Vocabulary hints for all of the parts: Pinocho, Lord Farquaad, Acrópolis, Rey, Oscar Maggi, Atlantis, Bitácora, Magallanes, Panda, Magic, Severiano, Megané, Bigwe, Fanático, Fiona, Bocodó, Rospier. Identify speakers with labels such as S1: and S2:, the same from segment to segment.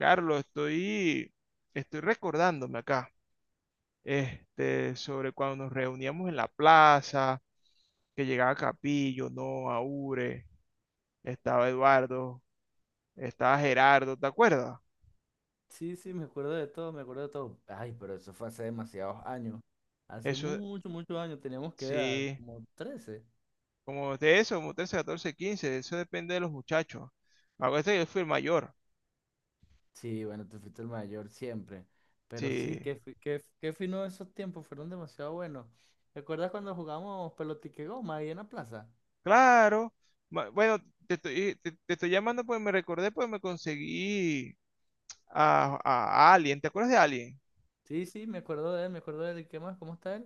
S1: Carlos, estoy recordándome acá, sobre cuando nos reuníamos en la plaza, que llegaba Capillo, no, Aure, estaba Eduardo, estaba Gerardo, ¿te acuerdas?
S2: Sí, sí, me acuerdo de todo, me acuerdo de todo. Ay, pero eso fue hace demasiados años. Hace
S1: Eso,
S2: muchos, muchos años teníamos que edad,
S1: sí,
S2: como 13.
S1: como de eso, como 13, 14, 15, eso depende de los muchachos. Acuérdate que yo fui el mayor,
S2: Sí, bueno, tú fuiste el mayor siempre. Pero sí,
S1: sí,
S2: qué fino esos tiempos, fueron demasiado buenos. ¿Recuerdas cuando jugamos pelotique goma ahí en la plaza?
S1: claro. Bueno, te estoy llamando porque me recordé, pues me conseguí a Alien, ¿te acuerdas de Alien?
S2: Sí, sí, me acuerdo de él, me acuerdo de él. ¿Qué más? ¿Cómo está él?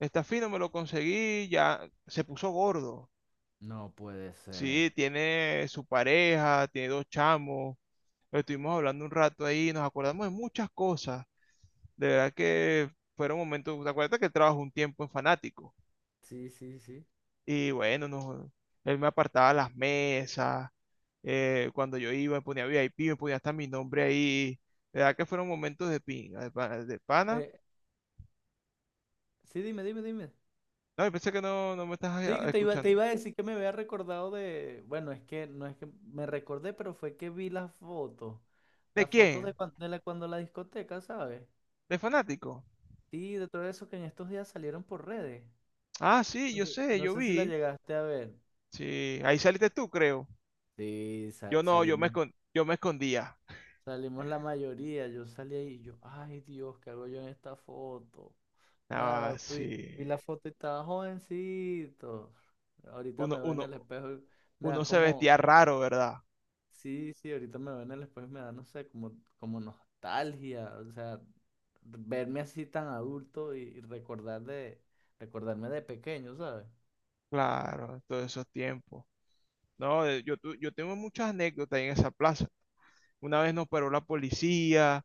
S1: Está fino, me lo conseguí, ya se puso gordo.
S2: No puede ser.
S1: Sí, tiene su pareja, tiene dos chamos. Lo estuvimos hablando un rato ahí, nos acordamos de muchas cosas. De verdad que fueron momentos, ¿te acuerdas que él trabajó un tiempo en Fanático?
S2: Sí, sí, sí.
S1: Y bueno, él me apartaba las mesas, cuando yo iba me ponía VIP, me ponía hasta mi nombre ahí. De verdad que fueron momentos de pinga, de pana. De pana.
S2: Eh, sí, dime, dime, dime.
S1: No, yo pensé que no, no me estás
S2: Sí, que te iba, te
S1: escuchando.
S2: iba a decir que me había recordado de, bueno, es que no es que me recordé, pero fue que vi
S1: ¿De
S2: las fotos de
S1: quién?
S2: cuando, cuando la discoteca, ¿sabes?
S1: ¿De Fanático?
S2: Sí, de todo eso que en estos días salieron por redes.
S1: Ah, sí,
S2: No
S1: yo
S2: sé,
S1: sé,
S2: no
S1: yo
S2: sé si la
S1: vi.
S2: llegaste a ver.
S1: Sí, ahí saliste tú, creo.
S2: Sí,
S1: Yo
S2: sa-
S1: no,
S2: salimos,
S1: yo me escondía.
S2: salimos la mayoría, yo salí ahí y yo, ay Dios, ¿qué hago yo en esta foto?
S1: Ah,
S2: Nada, vi,
S1: sí.
S2: vi la foto y estaba jovencito. Ahorita
S1: Uno,
S2: me veo en
S1: uno,
S2: el espejo y me da
S1: uno se
S2: como...
S1: vestía raro, ¿verdad?
S2: Sí, sí, ahorita me ven, el después me da, no sé, como, nostalgia, o sea, verme así tan adulto y recordarme de pequeño, ¿sabes?
S1: Claro, todos esos tiempos. No, yo tengo muchas anécdotas en esa plaza. Una vez nos paró la policía,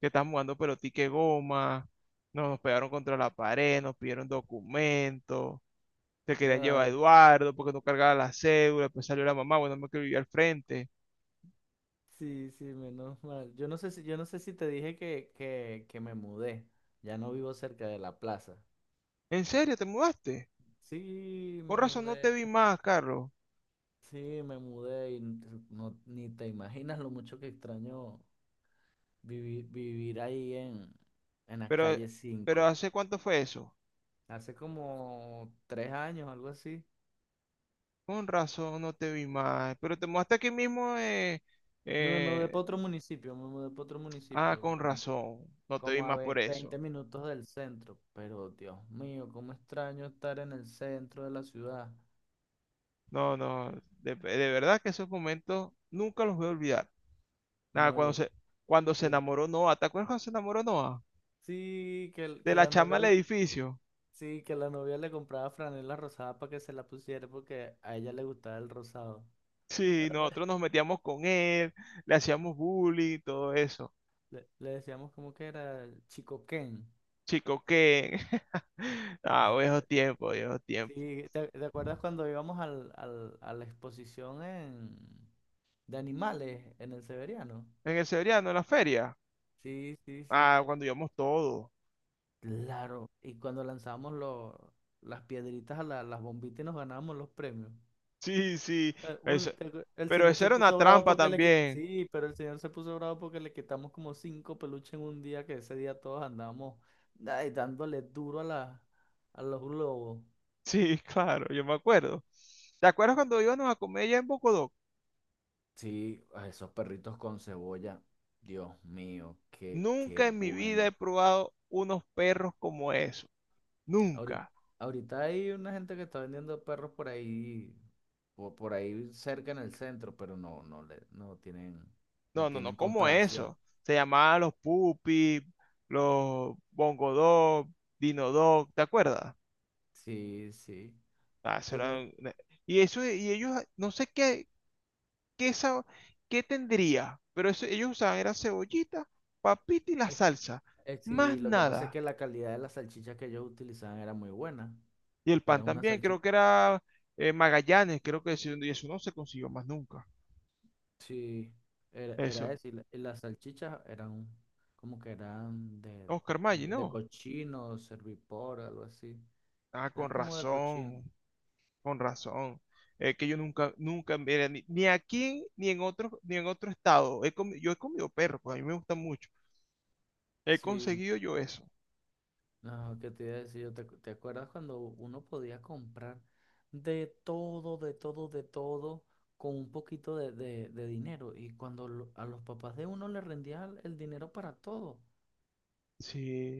S1: que estábamos jugando pelotique goma, no, nos pegaron contra la pared, nos pidieron documentos, se querían llevar a
S2: Ay,
S1: Eduardo porque no cargaba la cédula, después salió la mamá, bueno, me que vivía al frente.
S2: sí, sí, menos mal. Yo no sé si te dije que me mudé, ya no vivo cerca de la plaza.
S1: ¿En serio te mudaste?
S2: Sí,
S1: Con
S2: me
S1: razón no te
S2: mudé,
S1: vi más, Carlos.
S2: sí, me mudé. No, ni te imaginas lo mucho que extraño vivir, ahí en la
S1: Pero,
S2: calle
S1: pero
S2: 5.
S1: ¿hace cuánto fue eso?
S2: Hace como 3 años, algo así.
S1: Con razón, no te vi más. Pero te mudaste aquí mismo.
S2: No, me mudé
S1: Eh,
S2: para otro municipio, me mudé para otro
S1: ah,
S2: municipio,
S1: con
S2: como,
S1: razón, no te vi
S2: como a
S1: más
S2: ve-
S1: por
S2: veinte
S1: eso.
S2: minutos del centro. Pero Dios mío, cómo extraño estar en el centro de la ciudad.
S1: No, no, de verdad que esos momentos nunca los voy a olvidar. Nada,
S2: No, yo,
S1: cuando se
S2: yo
S1: enamoró Noah, ¿te acuerdas cuando se enamoró Noah?
S2: sí que,
S1: De
S2: que
S1: la
S2: la
S1: chama
S2: novia,
S1: del
S2: le-
S1: edificio.
S2: sí, que la novia le compraba franela rosada para que se la pusiera porque a ella le gustaba el rosado.
S1: Sí, nosotros nos metíamos con él, le hacíamos bullying, todo eso.
S2: Le decíamos como que era el Chico Ken.
S1: Chico, ¿qué? Ah, viejos tiempos, viejos tiempos.
S2: Sí, ¿te acuerdas cuando íbamos a la exposición en, de animales en el Severiano?
S1: En el Severiano, en la feria.
S2: Sí, sí, sí.
S1: Ah, cuando íbamos todos.
S2: Claro. Y cuando lanzábamos los, las piedritas a las bombitas y nos ganábamos los premios.
S1: Sí, sí. eso-
S2: El
S1: Pero
S2: señor
S1: eso
S2: se
S1: era una
S2: puso bravo
S1: trampa
S2: porque le quitamos.
S1: también.
S2: Sí, pero el señor se puso bravo porque le quitamos como cinco peluches en un día, que ese día todos andábamos ay, dándole duro a la, a los globos.
S1: Sí, claro, yo me acuerdo. ¿Te acuerdas cuando íbamos a comer allá en Bocodó?
S2: Sí, a esos perritos con cebolla. Dios mío, qué
S1: Nunca en mi vida he
S2: bueno.
S1: probado unos perros como eso.
S2: Ahorita,
S1: Nunca.
S2: ahorita hay una gente que está vendiendo perros por ahí por ahí cerca en el centro, pero no, no le, no tienen, no
S1: No, no, no,
S2: tienen
S1: como
S2: comparación.
S1: eso. Se llamaban los Pupi, los Bongodog, Dinodog, ¿te acuerdas?
S2: Sí, sí.
S1: Ah, eso era
S2: Temas-
S1: un- una- y eso, y ellos, no sé qué, ¿Qué, sa- ¿qué tendría? Pero eso, ellos usaban era cebollita, papita y la
S2: eh,
S1: salsa. Más
S2: sí, lo que pasa es
S1: nada.
S2: que la calidad de las salchichas que ellos utilizaban era muy buena.
S1: Y el pan
S2: Era una
S1: también, creo
S2: salchicha,
S1: que era Magallanes, creo que eso, y eso no se consiguió más nunca.
S2: sí, era
S1: Eso.
S2: eso. Y las salchichas eran como que eran de,
S1: Oscar Maggi,
S2: de
S1: no.
S2: cochino, servipor, algo así.
S1: Ah, con
S2: Eran como de cochino.
S1: razón, con razón. Es que yo nunca, nunca, mira, ni, ni aquí ni en otro, ni en otro estado. Yo he comido perro, pues a mí me gusta mucho. He
S2: Sí,
S1: conseguido yo eso.
S2: no, ¿qué te iba a decir? ¿Te acuerdas cuando uno podía comprar de todo, de todo, de todo con un poquito de dinero? Y cuando a los papás de uno le rendía el dinero para todo.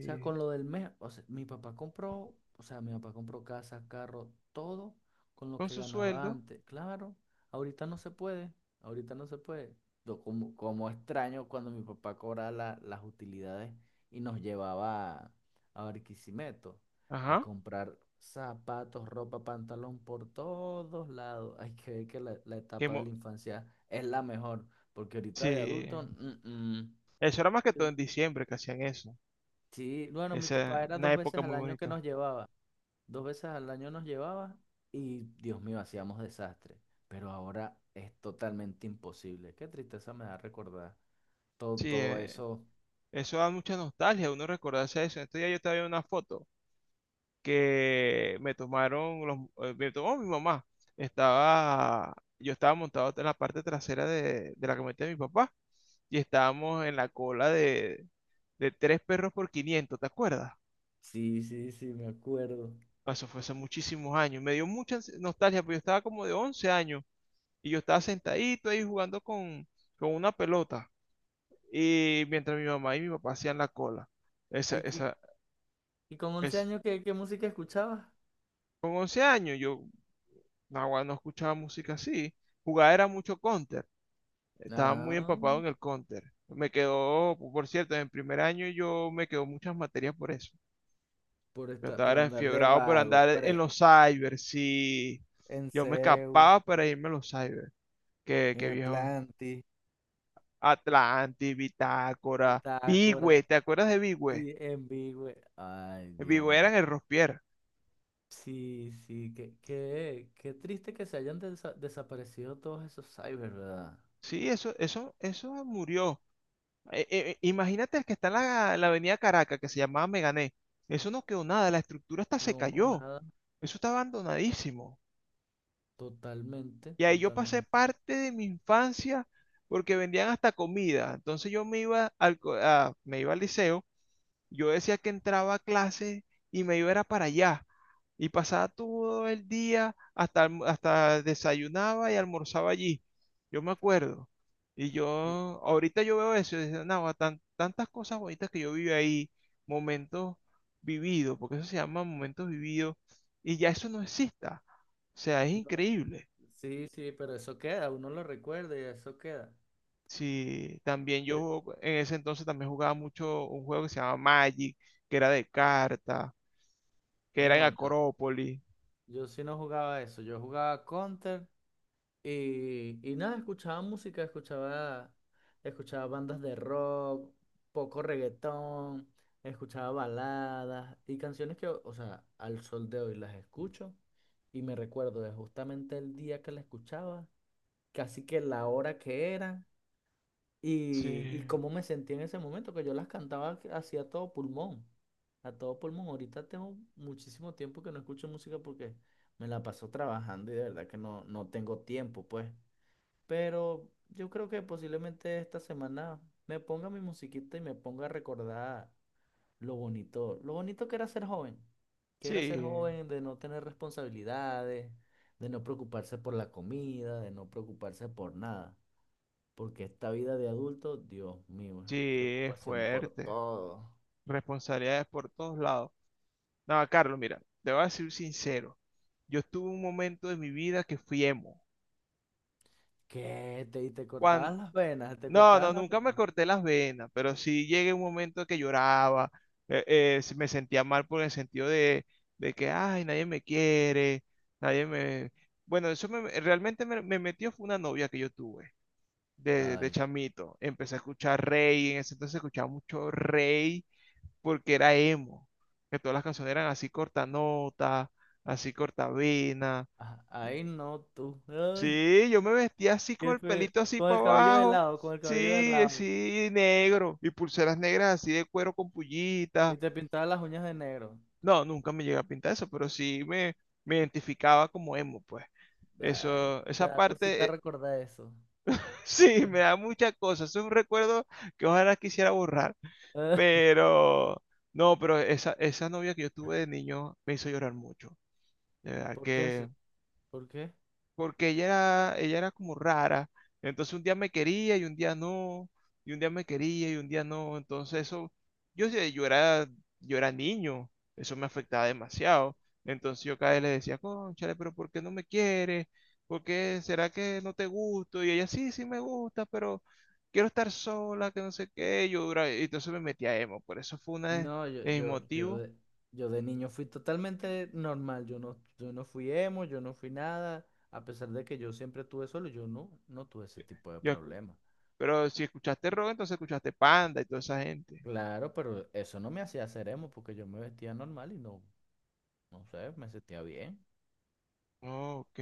S2: O sea, con lo del mes, o sea, mi papá compró, o sea, mi papá compró casa, carro, todo con lo
S1: Con
S2: que
S1: su
S2: ganaba
S1: sueldo.
S2: antes. Claro, ahorita no se puede, ahorita no se puede. Yo como extraño cuando mi papá cobraba las utilidades y nos llevaba a Barquisimeto a
S1: Ajá.
S2: comprar zapatos, ropa, pantalón por todos lados. Hay que ver que la
S1: Que
S2: etapa de
S1: mo-
S2: la infancia es la mejor, porque ahorita de
S1: sí.
S2: adulto, mm, mm.
S1: Eso era más que todo en diciembre que hacían eso.
S2: Sí, bueno, mi
S1: Esa
S2: papá
S1: es
S2: era
S1: una
S2: dos
S1: época
S2: veces al
S1: muy
S2: año que
S1: bonita.
S2: nos llevaba. Dos veces al año nos llevaba y, Dios mío, hacíamos desastre. Pero ahora es totalmente imposible. Qué tristeza me da recordar todo,
S1: Sí,
S2: todo eso.
S1: eso da mucha nostalgia, uno recordarse eso. En estos días yo estaba viendo una foto que me tomaron los, me tomó mi mamá. Estaba, yo estaba montado en la parte trasera de la camioneta de mi papá y estábamos en la cola de tres perros por 500. ¿Te acuerdas?
S2: Sí, sí, sí, me acuerdo.
S1: Eso fue hace muchísimos años. Me dio nostalgia, porque yo estaba como de 11 años y yo estaba sentadito ahí jugando con una pelota. Y mientras mi mamá y mi papá hacían la cola. Esa,
S2: ¿Y, y-
S1: esa,
S2: y con once
S1: esa.
S2: años qué música escuchabas?
S1: Con 11 años yo no, no escuchaba música así. Jugaba era mucho counter. Estaba muy
S2: Ah,
S1: empapado en el counter. Me quedó, por cierto, en primer año yo me quedó muchas materias por eso.
S2: por
S1: Yo
S2: estar,
S1: estaba
S2: por
S1: era
S2: andar de
S1: enfiebrado por
S2: vago.
S1: andar
S2: Pero
S1: en los cyber. Sí,
S2: en
S1: yo me
S2: Seu,
S1: escapaba para irme a los cyber. Qué,
S2: en
S1: ¿qué viejo?
S2: Atlantis,
S1: Atlantis, Bitácora, Bigwe.
S2: Bitácora,
S1: ¿Te acuerdas de Bigwe?
S2: sí, en Bigwe. Ay,
S1: Bigwe era
S2: Dios.
S1: en el Rospier.
S2: Sí, sí, qué triste que se hayan desaparecido todos esos cyber, ¿verdad?
S1: Sí, eso murió. Imagínate el que está en la avenida Caracas, que se llamaba Megané. Eso no quedó nada, la estructura hasta se
S2: No,
S1: cayó.
S2: nada,
S1: Eso está abandonadísimo.
S2: totalmente,
S1: Y ahí yo pasé
S2: totalmente.
S1: parte de mi infancia porque vendían hasta comida. Entonces yo me iba al, co- a- me iba al liceo. Yo decía que entraba a clase y me iba era para allá. Y pasaba todo el día hasta desayunaba y almorzaba allí. Yo me acuerdo. Y yo,
S2: Sí,
S1: ahorita yo veo eso y digo, "Nahua, tantas cosas bonitas que yo viví ahí, momentos vividos, porque eso se llama momentos vividos, y ya eso no exista. O sea, es
S2: no,
S1: increíble."
S2: sí, sí, pero eso queda, uno lo recuerda y eso queda.
S1: Sí, también
S2: Eh,
S1: yo en ese entonces también jugaba mucho un juego que se llamaba Magic, que era de carta, que era en
S2: No, yo,
S1: Acrópolis.
S2: yo sí no jugaba eso, yo jugaba Counter. Y nada, escuchaba música, escuchaba bandas de rock, poco reggaetón, escuchaba baladas y canciones que, o sea, al sol de hoy las escucho y me recuerdo de justamente el día que la escuchaba, casi que la hora que era y,
S1: Sí,
S2: y cómo me sentí en ese momento, que yo las cantaba hacia todo pulmón, a todo pulmón. Ahorita tengo muchísimo tiempo que no escucho música porque me la paso trabajando y de verdad que no tengo tiempo, pues. Pero yo creo que posiblemente esta semana me ponga mi musiquita y me ponga a recordar lo bonito que era ser joven, que era ser
S1: sí,
S2: joven, de no tener responsabilidades, de no preocuparse por la comida, de no preocuparse por nada. Porque esta vida de adulto, Dios mío, es
S1: sí, es
S2: preocupación por
S1: fuerte.
S2: todo.
S1: Responsabilidades por todos lados. No, Carlos, mira, te voy a decir sincero. Yo estuve un momento de mi vida que fui emo.
S2: ¿Qué? Te
S1: Cuan-
S2: cortabas las venas, te
S1: no,
S2: cortabas
S1: no,
S2: las
S1: nunca me
S2: venas.
S1: corté las venas, pero sí llegué a un momento que lloraba, eh, me sentía mal por el sentido de que, ay, nadie me quiere, nadie me... Bueno, realmente me metió fue una novia que yo tuve de
S2: Ay,
S1: chamito. Empecé a escuchar Rey, en ese entonces escuchaba mucho Rey porque era emo, que todas las canciones eran así cortanotas, así cortavenas.
S2: ah, ay, no tú. Ay,
S1: Sí, yo me vestía así con
S2: qué
S1: el
S2: feo.
S1: pelito así
S2: Con
S1: para
S2: el cabello de
S1: abajo.
S2: lado, con el
S1: Sí,
S2: cabello de lado.
S1: sí, negro. Y pulseras negras así de cuero con pullitas.
S2: Y te pintaba las uñas de negro.
S1: No, nunca me llegué a pintar eso, pero sí me identificaba como emo, pues.
S2: Ay,
S1: Eso,
S2: te
S1: esa
S2: da
S1: parte,
S2: cosita recordar eso.
S1: sí, me da muchas cosas. Es un recuerdo que ojalá quisiera borrar. Pero, no, pero esa novia que yo tuve de niño me hizo llorar mucho, de verdad
S2: ¿Por qué?
S1: que,
S2: ¿Por qué?
S1: porque ella era como rara, entonces un día me quería y un día no, y un día me quería y un día no, entonces eso, yo, sé, yo era, yo era niño, eso me afectaba demasiado, entonces yo cada vez le decía, cónchale, pero ¿por qué no me quieres? ¿Por qué será que no te gusto? Y ella, sí, sí me gusta, pero quiero estar sola, que no sé qué, yo dura, y entonces me metí a emo, por eso fue una
S2: No, yo,
S1: de mis
S2: yo, yo
S1: motivos,
S2: de, yo de niño fui totalmente normal. Yo no, yo no fui emo, yo no fui nada. A pesar de que yo siempre tuve solo, yo no tuve ese tipo de
S1: yo,
S2: problemas.
S1: pero si escuchaste rock, entonces escuchaste Panda y toda esa gente.
S2: Claro, pero eso no me hacía ser emo porque yo me vestía normal y no sé, me sentía bien.
S1: Ok.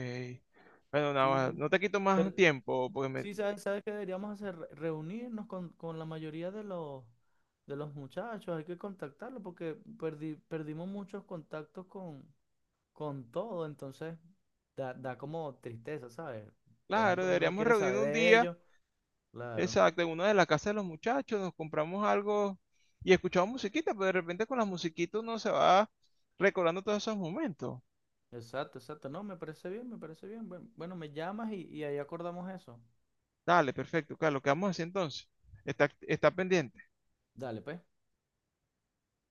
S1: Bueno,
S2: Sí,
S1: nada,
S2: sí.
S1: no te quito
S2: Pero,
S1: más tiempo, porque me...
S2: Sí, ¿sabes qué deberíamos hacer? Reunirnos con, la mayoría de los muchachos, hay que contactarlos porque perdimos muchos contactos con todo, entonces da como tristeza, ¿sabes? De vez en
S1: Claro,
S2: cuando uno
S1: deberíamos
S2: quiere saber
S1: reunirnos un
S2: de
S1: día,
S2: ellos. Claro,
S1: exacto, en una de las casas de los muchachos, nos compramos algo y escuchamos musiquita, pero de repente con las musiquitas uno se va recordando todos esos momentos.
S2: exacto, exacto. No, me parece bien, me parece bien. Bueno, me llamas y ahí acordamos eso.
S1: Dale, perfecto, Carlos, quedamos así entonces. Está, está pendiente.
S2: Dale, pues.